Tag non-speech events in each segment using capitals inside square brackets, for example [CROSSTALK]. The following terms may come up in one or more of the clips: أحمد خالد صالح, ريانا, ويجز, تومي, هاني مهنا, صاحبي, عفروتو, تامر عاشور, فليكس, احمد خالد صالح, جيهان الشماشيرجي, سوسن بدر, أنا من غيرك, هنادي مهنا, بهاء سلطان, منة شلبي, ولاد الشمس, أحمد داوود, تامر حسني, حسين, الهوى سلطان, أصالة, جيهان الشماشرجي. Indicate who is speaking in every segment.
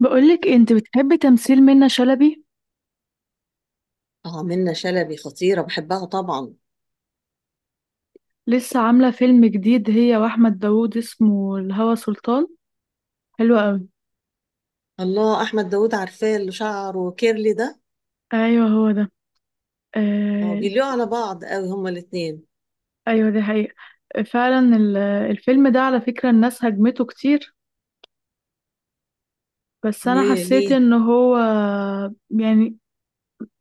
Speaker 1: بقولك انت بتحبي تمثيل منة شلبي.
Speaker 2: اه، منة شلبي خطيرة، بحبها طبعا.
Speaker 1: لسه عاملة فيلم جديد هي واحمد داوود اسمه الهوى سلطان، حلو قوي.
Speaker 2: الله، أحمد داوود عارفاه اللي شعره كيرلي ده.
Speaker 1: ايوه هو ده.
Speaker 2: اه،
Speaker 1: آه.
Speaker 2: بيليقوا على بعض قوي هما الاتنين.
Speaker 1: ايوه دي حقيقة. فعلا الفيلم ده على فكرة الناس هجمته كتير، بس انا
Speaker 2: ليه
Speaker 1: حسيت
Speaker 2: ليه؟
Speaker 1: ان هو يعني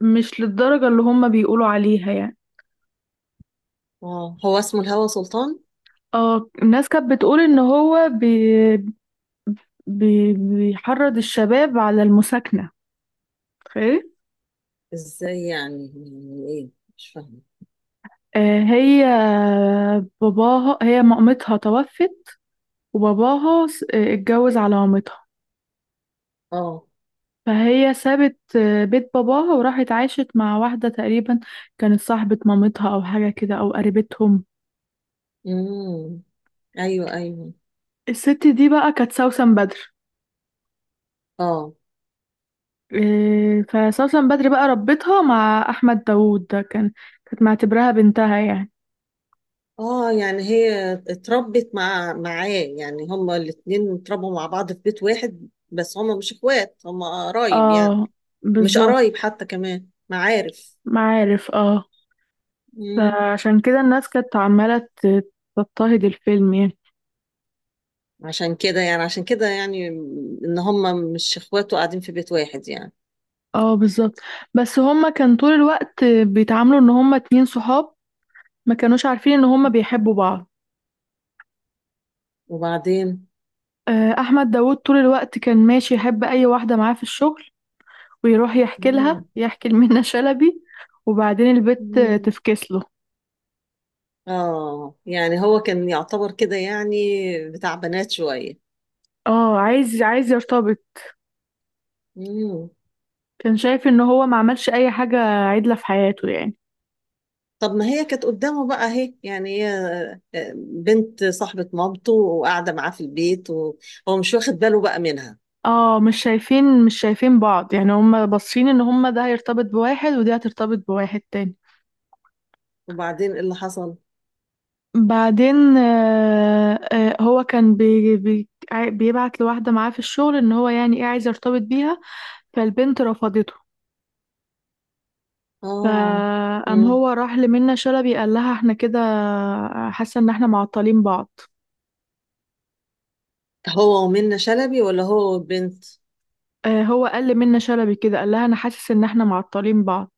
Speaker 1: مش للدرجة اللي هما بيقولوا عليها يعني.
Speaker 2: اه، هو اسمه الهوى سلطان.
Speaker 1: اه الناس كانت بتقول ان هو بي بي بيحرض الشباب على المساكنة، تخيلي.
Speaker 2: ازاي يعني؟ يعني ايه؟ مش فاهمة.
Speaker 1: آه، هي هي مامتها توفت، وباباها اتجوز على مامتها.
Speaker 2: اه،
Speaker 1: فهي سابت بيت باباها وراحت عاشت مع واحدة تقريبا كانت صاحبة مامتها أو حاجة كده أو قريبتهم.
Speaker 2: امم، ايوه، ايوه،
Speaker 1: الست دي بقى كانت سوسن بدر.
Speaker 2: اه،
Speaker 1: فسوسن بدر بقى ربتها مع أحمد داوود ده كانت معتبرها بنتها يعني.
Speaker 2: اه، يعني هي اتربت معاه يعني هما الاتنين اتربوا مع بعض في بيت واحد، بس هما مش اخوات، هما قرايب يعني.
Speaker 1: اه
Speaker 2: مش
Speaker 1: بالظبط.
Speaker 2: قرايب، حتى كمان معارف.
Speaker 1: معارف اه. فعشان كده الناس كانت عمالة تضطهد الفيلم يعني.
Speaker 2: عشان كده يعني، ان هم مش اخوات وقاعدين في بيت واحد يعني.
Speaker 1: اه بالظبط. بس هما كان طول الوقت بيتعاملوا ان هما اتنين صحاب، ما كانوش عارفين ان هما بيحبوا بعض.
Speaker 2: وبعدين.
Speaker 1: احمد داوود طول الوقت كان ماشي يحب اي واحده معاه في الشغل، ويروح
Speaker 2: اه.
Speaker 1: يحكي لمنى [LAUGHS] شلبي. وبعدين البت
Speaker 2: مم.
Speaker 1: تفكس له.
Speaker 2: اه يعني هو كان يعتبر كده يعني، بتاع بنات شوية.
Speaker 1: اه عايز يرتبط.
Speaker 2: مم.
Speaker 1: كان شايف ان هو ما عملش اي حاجه عدله في حياته يعني.
Speaker 2: طب ما هي كانت قدامه بقى اهي يعني هي، بنت صاحبة مامته وقاعدة معاه في البيت وهو مش واخد باله بقى منها.
Speaker 1: اه مش شايفين بعض يعني، هما باصين ان هما ده هيرتبط بواحد ودي هترتبط بواحد تاني.
Speaker 2: وبعدين ايه اللي حصل؟
Speaker 1: بعدين هو كان بيبعت لواحدة معاه في الشغل ان هو يعني ايه عايز يرتبط بيها، فالبنت رفضته.
Speaker 2: اه.
Speaker 1: فقام
Speaker 2: مم.
Speaker 1: هو راح لمنى شلبي قال لها احنا كده حاسة ان احنا معطلين بعض.
Speaker 2: هو ومنة شلبي ولا هو بنت؟
Speaker 1: هو قال لمنى شلبي كده قال لها انا حاسس ان احنا معطلين بعض.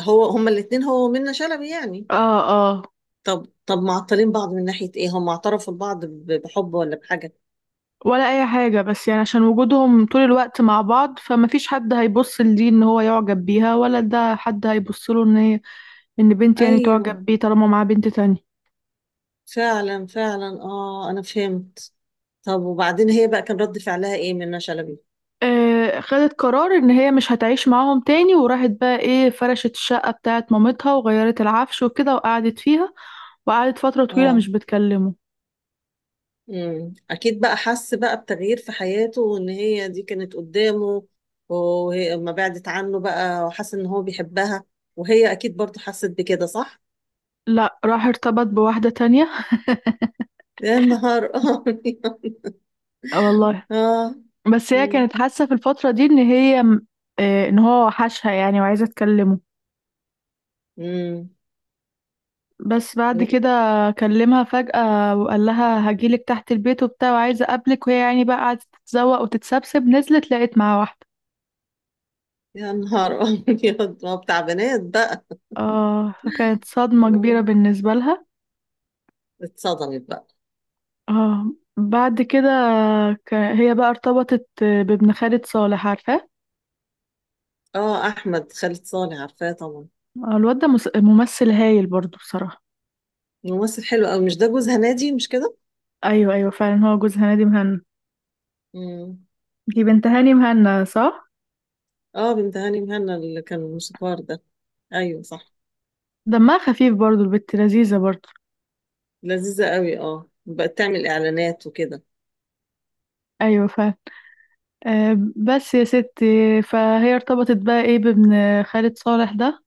Speaker 2: هو هما الاتنين، هو ومنة شلبي يعني.
Speaker 1: اه اه.
Speaker 2: طب معطلين بعض من ناحية ايه؟ هم اعترفوا لبعض بحب ولا بحاجة؟
Speaker 1: ولا اي حاجة بس يعني عشان وجودهم طول الوقت مع بعض فمفيش حد هيبص لدي ان هو يعجب بيها ولا ده حد هيبص له ان بنت يعني
Speaker 2: ايوه،
Speaker 1: تعجب بيه طالما معاه بنت تانية.
Speaker 2: فعلا فعلا، اه انا فهمت. طب وبعدين هي بقى كان رد فعلها ايه منى شلبي؟
Speaker 1: خدت قرار ان هي مش هتعيش معاهم تاني وراحت بقى ايه فرشت الشقة بتاعت مامتها وغيرت العفش وكده وقعدت فيها، وقعدت فترة طويلة مش
Speaker 2: اه.
Speaker 1: بتكلمه.
Speaker 2: امم، اكيد بقى حس بقى بتغيير في حياته وان هي دي كانت قدامه، وهي لما بعدت عنه بقى وحس ان هو بيحبها. وهي اكيد برضو حست بكده صح.
Speaker 1: لا راح ارتبط بواحدة تانية.
Speaker 2: يا نهار ابيض [LAUGHS]
Speaker 1: [LAUGHS] والله.
Speaker 2: اه.
Speaker 1: بس هي
Speaker 2: امم.
Speaker 1: كانت حاسة في الفترة دي ان ان هو وحشها يعني وعايزة تكلمه.
Speaker 2: امم.
Speaker 1: بس بعد كده كلمها فجأة وقال لها هجيلك تحت البيت وبتاع وعايزة اقابلك وهي يعني بقى قعدت تتزوق وتتسبسب نزلت لقيت معاه واحدة.
Speaker 2: يا نهار [LAUGHS] ابيض، ما هو بتاع بنات بقى.
Speaker 1: اه فكانت صدمة كبيرة
Speaker 2: آه،
Speaker 1: بالنسبة لها.
Speaker 2: اتصدمت بقى.
Speaker 1: اه بعد كده هي بقى ارتبطت بابن خالد صالح عارفاه.
Speaker 2: اه، احمد خالد صالح عارفاه طبعا.
Speaker 1: الواد ده ممثل هايل برضو بصراحة.
Speaker 2: ممثل حلو قوي، مش ده جوز هنادي، مش كده؟
Speaker 1: ايوه ايوه فعلا هو جوز هنادي مهنا.
Speaker 2: امم.
Speaker 1: دي بنت هاني مهنا صح؟
Speaker 2: اه، بنت هاني مهنا اللي كان الموسيقار ده. ايوه صح.
Speaker 1: دمها خفيف برضو البت لذيذة برضو.
Speaker 2: لذيذة قوي، اه بقت تعمل اعلانات وكده.
Speaker 1: ايوه فعلا. بس يا ستي فهي ارتبطت بقى ايه بابن خالد صالح ده.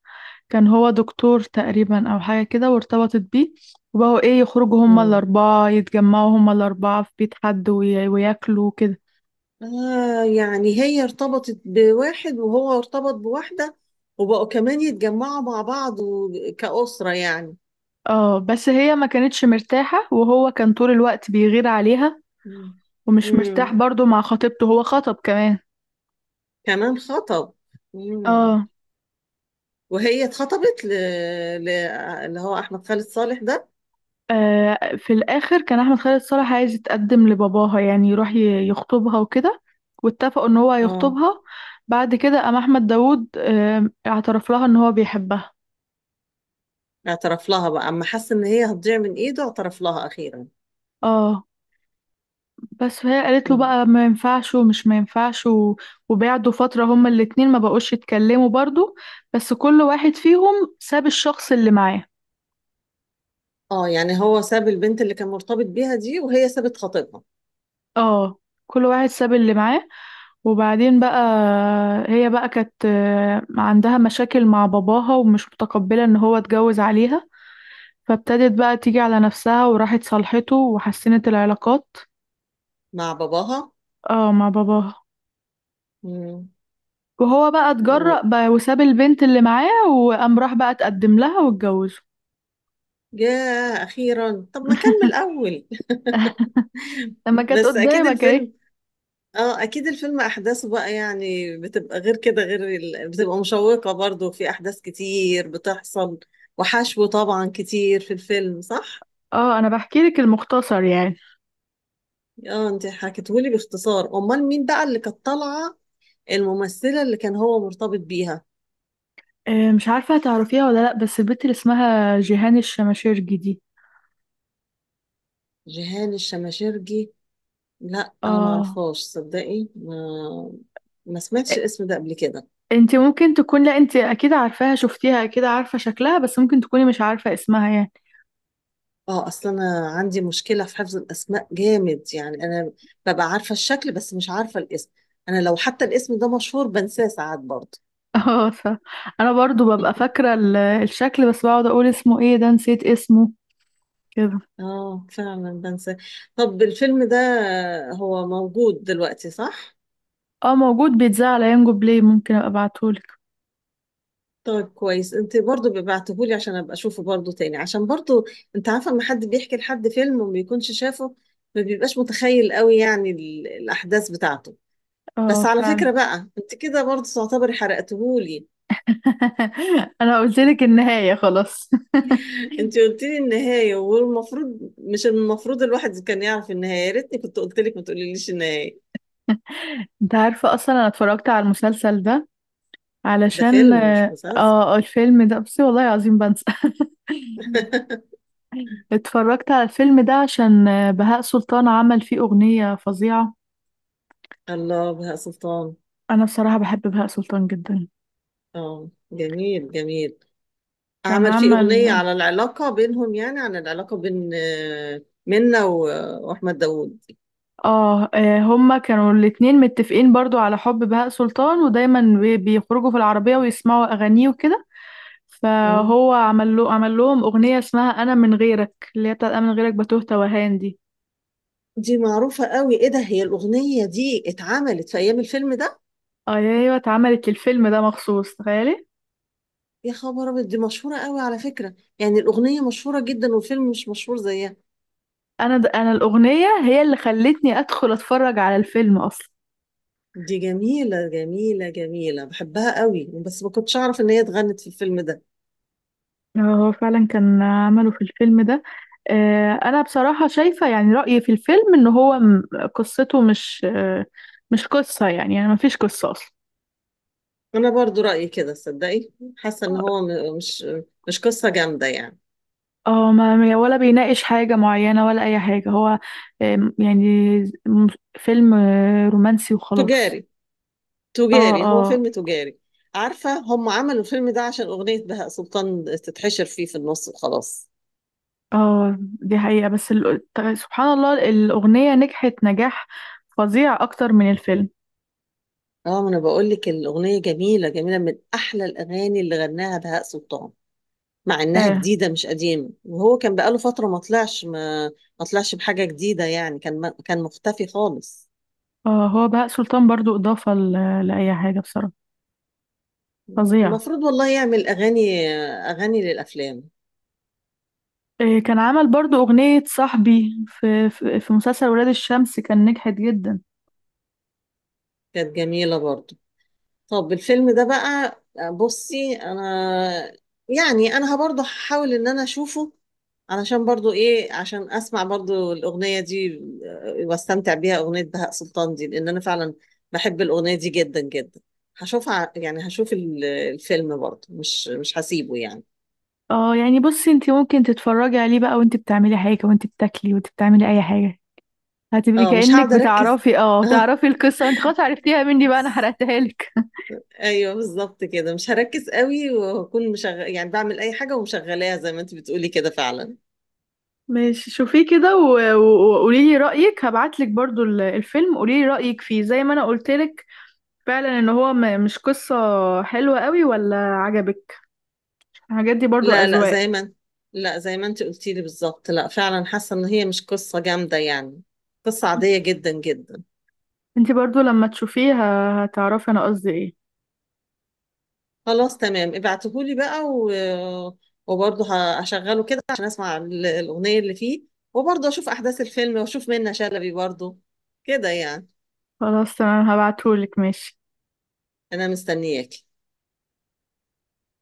Speaker 1: كان هو دكتور تقريبا او حاجة كده وارتبطت بيه، وبقوا ايه يخرجوا هما
Speaker 2: امم.
Speaker 1: الاربعة يتجمعوا هما الاربعة في بيت حد وياكلوا كده.
Speaker 2: يعني هي ارتبطت بواحد وهو ارتبط بواحدة، وبقوا كمان يتجمعوا مع بعض كأسرة يعني.
Speaker 1: اه بس هي ما كانتش مرتاحة وهو كان طول الوقت بيغير عليها.
Speaker 2: امم.
Speaker 1: ومش مرتاح
Speaker 2: امم.
Speaker 1: برضو مع خطيبته هو خطب كمان.
Speaker 2: كمان خطب. امم.
Speaker 1: اه.
Speaker 2: وهي اتخطبت اللي هو احمد خالد صالح ده.
Speaker 1: في الآخر كان أحمد خالد صالح عايز يتقدم لباباها يعني يروح يخطبها وكده، واتفقوا إن هو
Speaker 2: اه،
Speaker 1: هيخطبها. بعد كده قام أحمد داوود اعترف لها إن هو بيحبها.
Speaker 2: اعترف لها بقى اما حس ان هي هتضيع من ايده، اعترف لها اخيرا.
Speaker 1: اه بس فهي قالت له بقى ما ينفعش ومش ما ينفعش وبعدوا فترة هما الاتنين ما بقوش يتكلموا برضو، بس كل واحد فيهم ساب الشخص اللي معاه.
Speaker 2: اه يعني هو ساب البنت اللي كان مرتبط بيها دي، وهي سابت خطيبها.
Speaker 1: اه كل واحد ساب اللي معاه. وبعدين بقى هي بقى كانت عندها مشاكل مع باباها ومش متقبلة ان هو اتجوز عليها. فابتدت بقى تيجي على نفسها وراحت صالحته وحسنت العلاقات.
Speaker 2: مع باباها.
Speaker 1: اه مع باباها.
Speaker 2: مم.
Speaker 1: وهو بقى
Speaker 2: و...
Speaker 1: اتجرأ بقى وساب البنت اللي معاه وقام راح بقى اتقدم لها واتجوزه.
Speaker 2: ياه اخيرا، طب ما كان من
Speaker 1: [LAUGHS]
Speaker 2: الاول. [LAUGHS]
Speaker 1: لما كانت
Speaker 2: بس اكيد
Speaker 1: قدامك اهي.
Speaker 2: الفيلم. اه اكيد الفيلم احداثه بقى يعني بتبقى غير كده، غير ال... بتبقى مشوقة برضو، في احداث كتير بتحصل وحشو طبعا كتير في الفيلم صح.
Speaker 1: اه انا بحكي لك المختصر يعني.
Speaker 2: اه انت حكيتهولي باختصار، امال مين بقى اللي كانت طالعه؟ الممثله اللي كان هو مرتبط بيها.
Speaker 1: مش عارفة هتعرفيها ولا لا، بس البنت اللي اسمها جيهان الشماشيرجي دي.
Speaker 2: جيهان الشماشرجي. لا انا ما
Speaker 1: اه
Speaker 2: اعرفهاش صدقي، ما سمعتش الاسم ده قبل كده.
Speaker 1: انت ممكن تكون لا انت اكيد عارفاها شفتيها اكيد عارفه شكلها بس ممكن تكوني مش عارفه اسمها يعني.
Speaker 2: اه، اصل انا عندي مشكله في حفظ الاسماء جامد يعني، انا ببقى عارفه الشكل بس مش عارفه الاسم. انا لو حتى الاسم ده مشهور بنساه ساعات برضه.
Speaker 1: [LAUGHS] اه انا برضو ببقى
Speaker 2: [LAUGHS]
Speaker 1: فاكره الشكل بس بقعد اقول اسمه ايه ده نسيت اسمه كده.
Speaker 2: اه فعلا بنساه. طب الفيلم ده هو موجود دلوقتي صح؟
Speaker 1: اه موجود بيتذاع على ينجو بلاي ممكن ابقى ابعتهولك.
Speaker 2: طيب كويس، انت برضو ببعتهولي عشان ابقى اشوفه برضو تاني، عشان برضو انت عارفه لما حد بيحكي لحد فيلم وما بيكونش شافه ما بيبقاش متخيل قوي يعني الاحداث بتاعته.
Speaker 1: اه
Speaker 2: بس على
Speaker 1: فعلا.
Speaker 2: فكره بقى انت كده برضو تعتبري حرقتهولي.
Speaker 1: [LAUGHS] انا قلت لك النهايه خلاص. [LAUGHS]
Speaker 2: انت قلت لي النهايه، والمفروض مش المفروض الواحد كان يعرف النهايه، يا ريتني كنت قلت لك ما تقوليليش النهايه.
Speaker 1: انت عارفه اصلا انا اتفرجت على المسلسل ده
Speaker 2: ده
Speaker 1: علشان
Speaker 2: فيلم مش مسلسل.
Speaker 1: الفيلم ده بصي والله العظيم بنسى. [LAUGHS]
Speaker 2: [LAUGHS]
Speaker 1: اتفرجت على الفيلم ده عشان بهاء سلطان عمل فيه أغنية فظيعة.
Speaker 2: الله بهاء سلطان.
Speaker 1: أنا بصراحة بحب بهاء سلطان جدا.
Speaker 2: اه جميل جميل.
Speaker 1: كان
Speaker 2: عمل فيه أغنية
Speaker 1: عمل
Speaker 2: على العلاقة بينهم، يعني عن العلاقة بين منة وأحمد داوود.
Speaker 1: هما كانوا الاتنين متفقين برضو على حب بهاء سلطان ودايما بيخرجوا في العربية ويسمعوا أغانيه وكده.
Speaker 2: مم.
Speaker 1: فهو عمل لهم أغنية اسمها أنا من غيرك اللي هي بتاعت أنا من غيرك بتوه توهان دي.
Speaker 2: دي معروفة قوي، إيه ده، هي الأغنية دي اتعملت في أيام الفيلم ده؟
Speaker 1: أيوة اتعملت الفيلم ده مخصوص تخيلي.
Speaker 2: يا خبر أبيض، دي مشهورة قوي على فكرة، يعني الأغنية مشهورة جدا والفيلم مش مشهور زيها.
Speaker 1: أنا الأغنية هي اللي خلتني أدخل أتفرج على الفيلم أصلا.
Speaker 2: دي جميلة جميلة جميلة بحبها قوي، بس ما كنتش أعرف إن هي اتغنت في الفيلم ده.
Speaker 1: هو فعلا كان عمله في الفيلم ده. انا بصراحة شايفة يعني رأيي في الفيلم ان قصته مش قصة يعني ما فيش قصة اصلا.
Speaker 2: أنا برضو رأيي كده صدقي. حاسة إن هو مش قصة جامدة يعني.
Speaker 1: اه ولا بيناقش حاجة معينة ولا اي حاجة هو يعني م- فيلم رومانسي وخلاص.
Speaker 2: تجاري،
Speaker 1: اه
Speaker 2: تجاري، هو
Speaker 1: اه
Speaker 2: فيلم تجاري. عارفة هم عملوا الفيلم ده عشان أغنية بهاء سلطان تتحشر فيه في النص وخلاص.
Speaker 1: اه دي حقيقة بس سبحان الله الأغنية نجحت نجاح فظيع اكتر من الفيلم.
Speaker 2: اه، ما انا بقول لك الاغنيه جميله جميله من احلى الاغاني اللي غناها بهاء سلطان. مع انها
Speaker 1: فعلا.
Speaker 2: جديده مش قديمه، وهو كان بقاله فتره ما طلعش بحاجه جديده يعني، كان ما كان مختفي خالص.
Speaker 1: اه هو بهاء سلطان برضو إضافة لأي حاجة بصراحة، فظيع.
Speaker 2: المفروض والله يعمل اغاني، اغاني للافلام.
Speaker 1: إيه، كان عمل برضو أغنية صاحبي في مسلسل ولاد الشمس كان نجحت جدا.
Speaker 2: كانت جميله برضه. طب الفيلم ده بقى، بصي انا يعني انا برضو هحاول ان انا اشوفه علشان برضو ايه، عشان اسمع برضو الاغنيه دي، واستمتع بيها، اغنيه بهاء سلطان دي، لان انا فعلا بحب الاغنيه دي جدا جدا. هشوفها يعني هشوف الفيلم برضو، مش هسيبه يعني.
Speaker 1: اه يعني بصي انت ممكن تتفرجي عليه بقى وانت بتعملي حاجة وانت بتاكلي وانت بتعملي أي حاجة. هتبقي
Speaker 2: اه مش
Speaker 1: كأنك
Speaker 2: هقعد اركز [LAUGHS] اه.
Speaker 1: بتعرفي القصة وانت خلاص عرفتيها مني بقى أنا حرقتها لك.
Speaker 2: ايوه بالظبط كده، مش هركز قوي وهكون مشغل يعني، بعمل اي حاجه ومشغلاها زي ما انت بتقولي كده فعلا.
Speaker 1: [LAUGHS] ماشي شوفيه كده وقولي لي رأيك هبعت لك برضو الفيلم قولي لي رأيك فيه زي ما أنا قلت لك. فعلا ان مش قصة حلوة قوي ولا عجبك. الحاجات دي برضو
Speaker 2: لا، لا
Speaker 1: أذواق.
Speaker 2: زي ما انت- لا زي ما انت قلتي لي بالظبط، لا فعلا حاسه ان هي مش قصه جامده يعني، قصه عاديه جدا جدا.
Speaker 1: انتي برضو لما تشوفيه هتعرفي انا قصدي ايه؟
Speaker 2: خلاص تمام ابعتهولي بقى وبرضه هشغله كده عشان اسمع الاغنيه اللي فيه، وبرضه اشوف احداث الفيلم واشوف منة شلبي برضه كده يعني.
Speaker 1: خلاص تمام هبعتهولك ماشي.
Speaker 2: انا مستنياكي.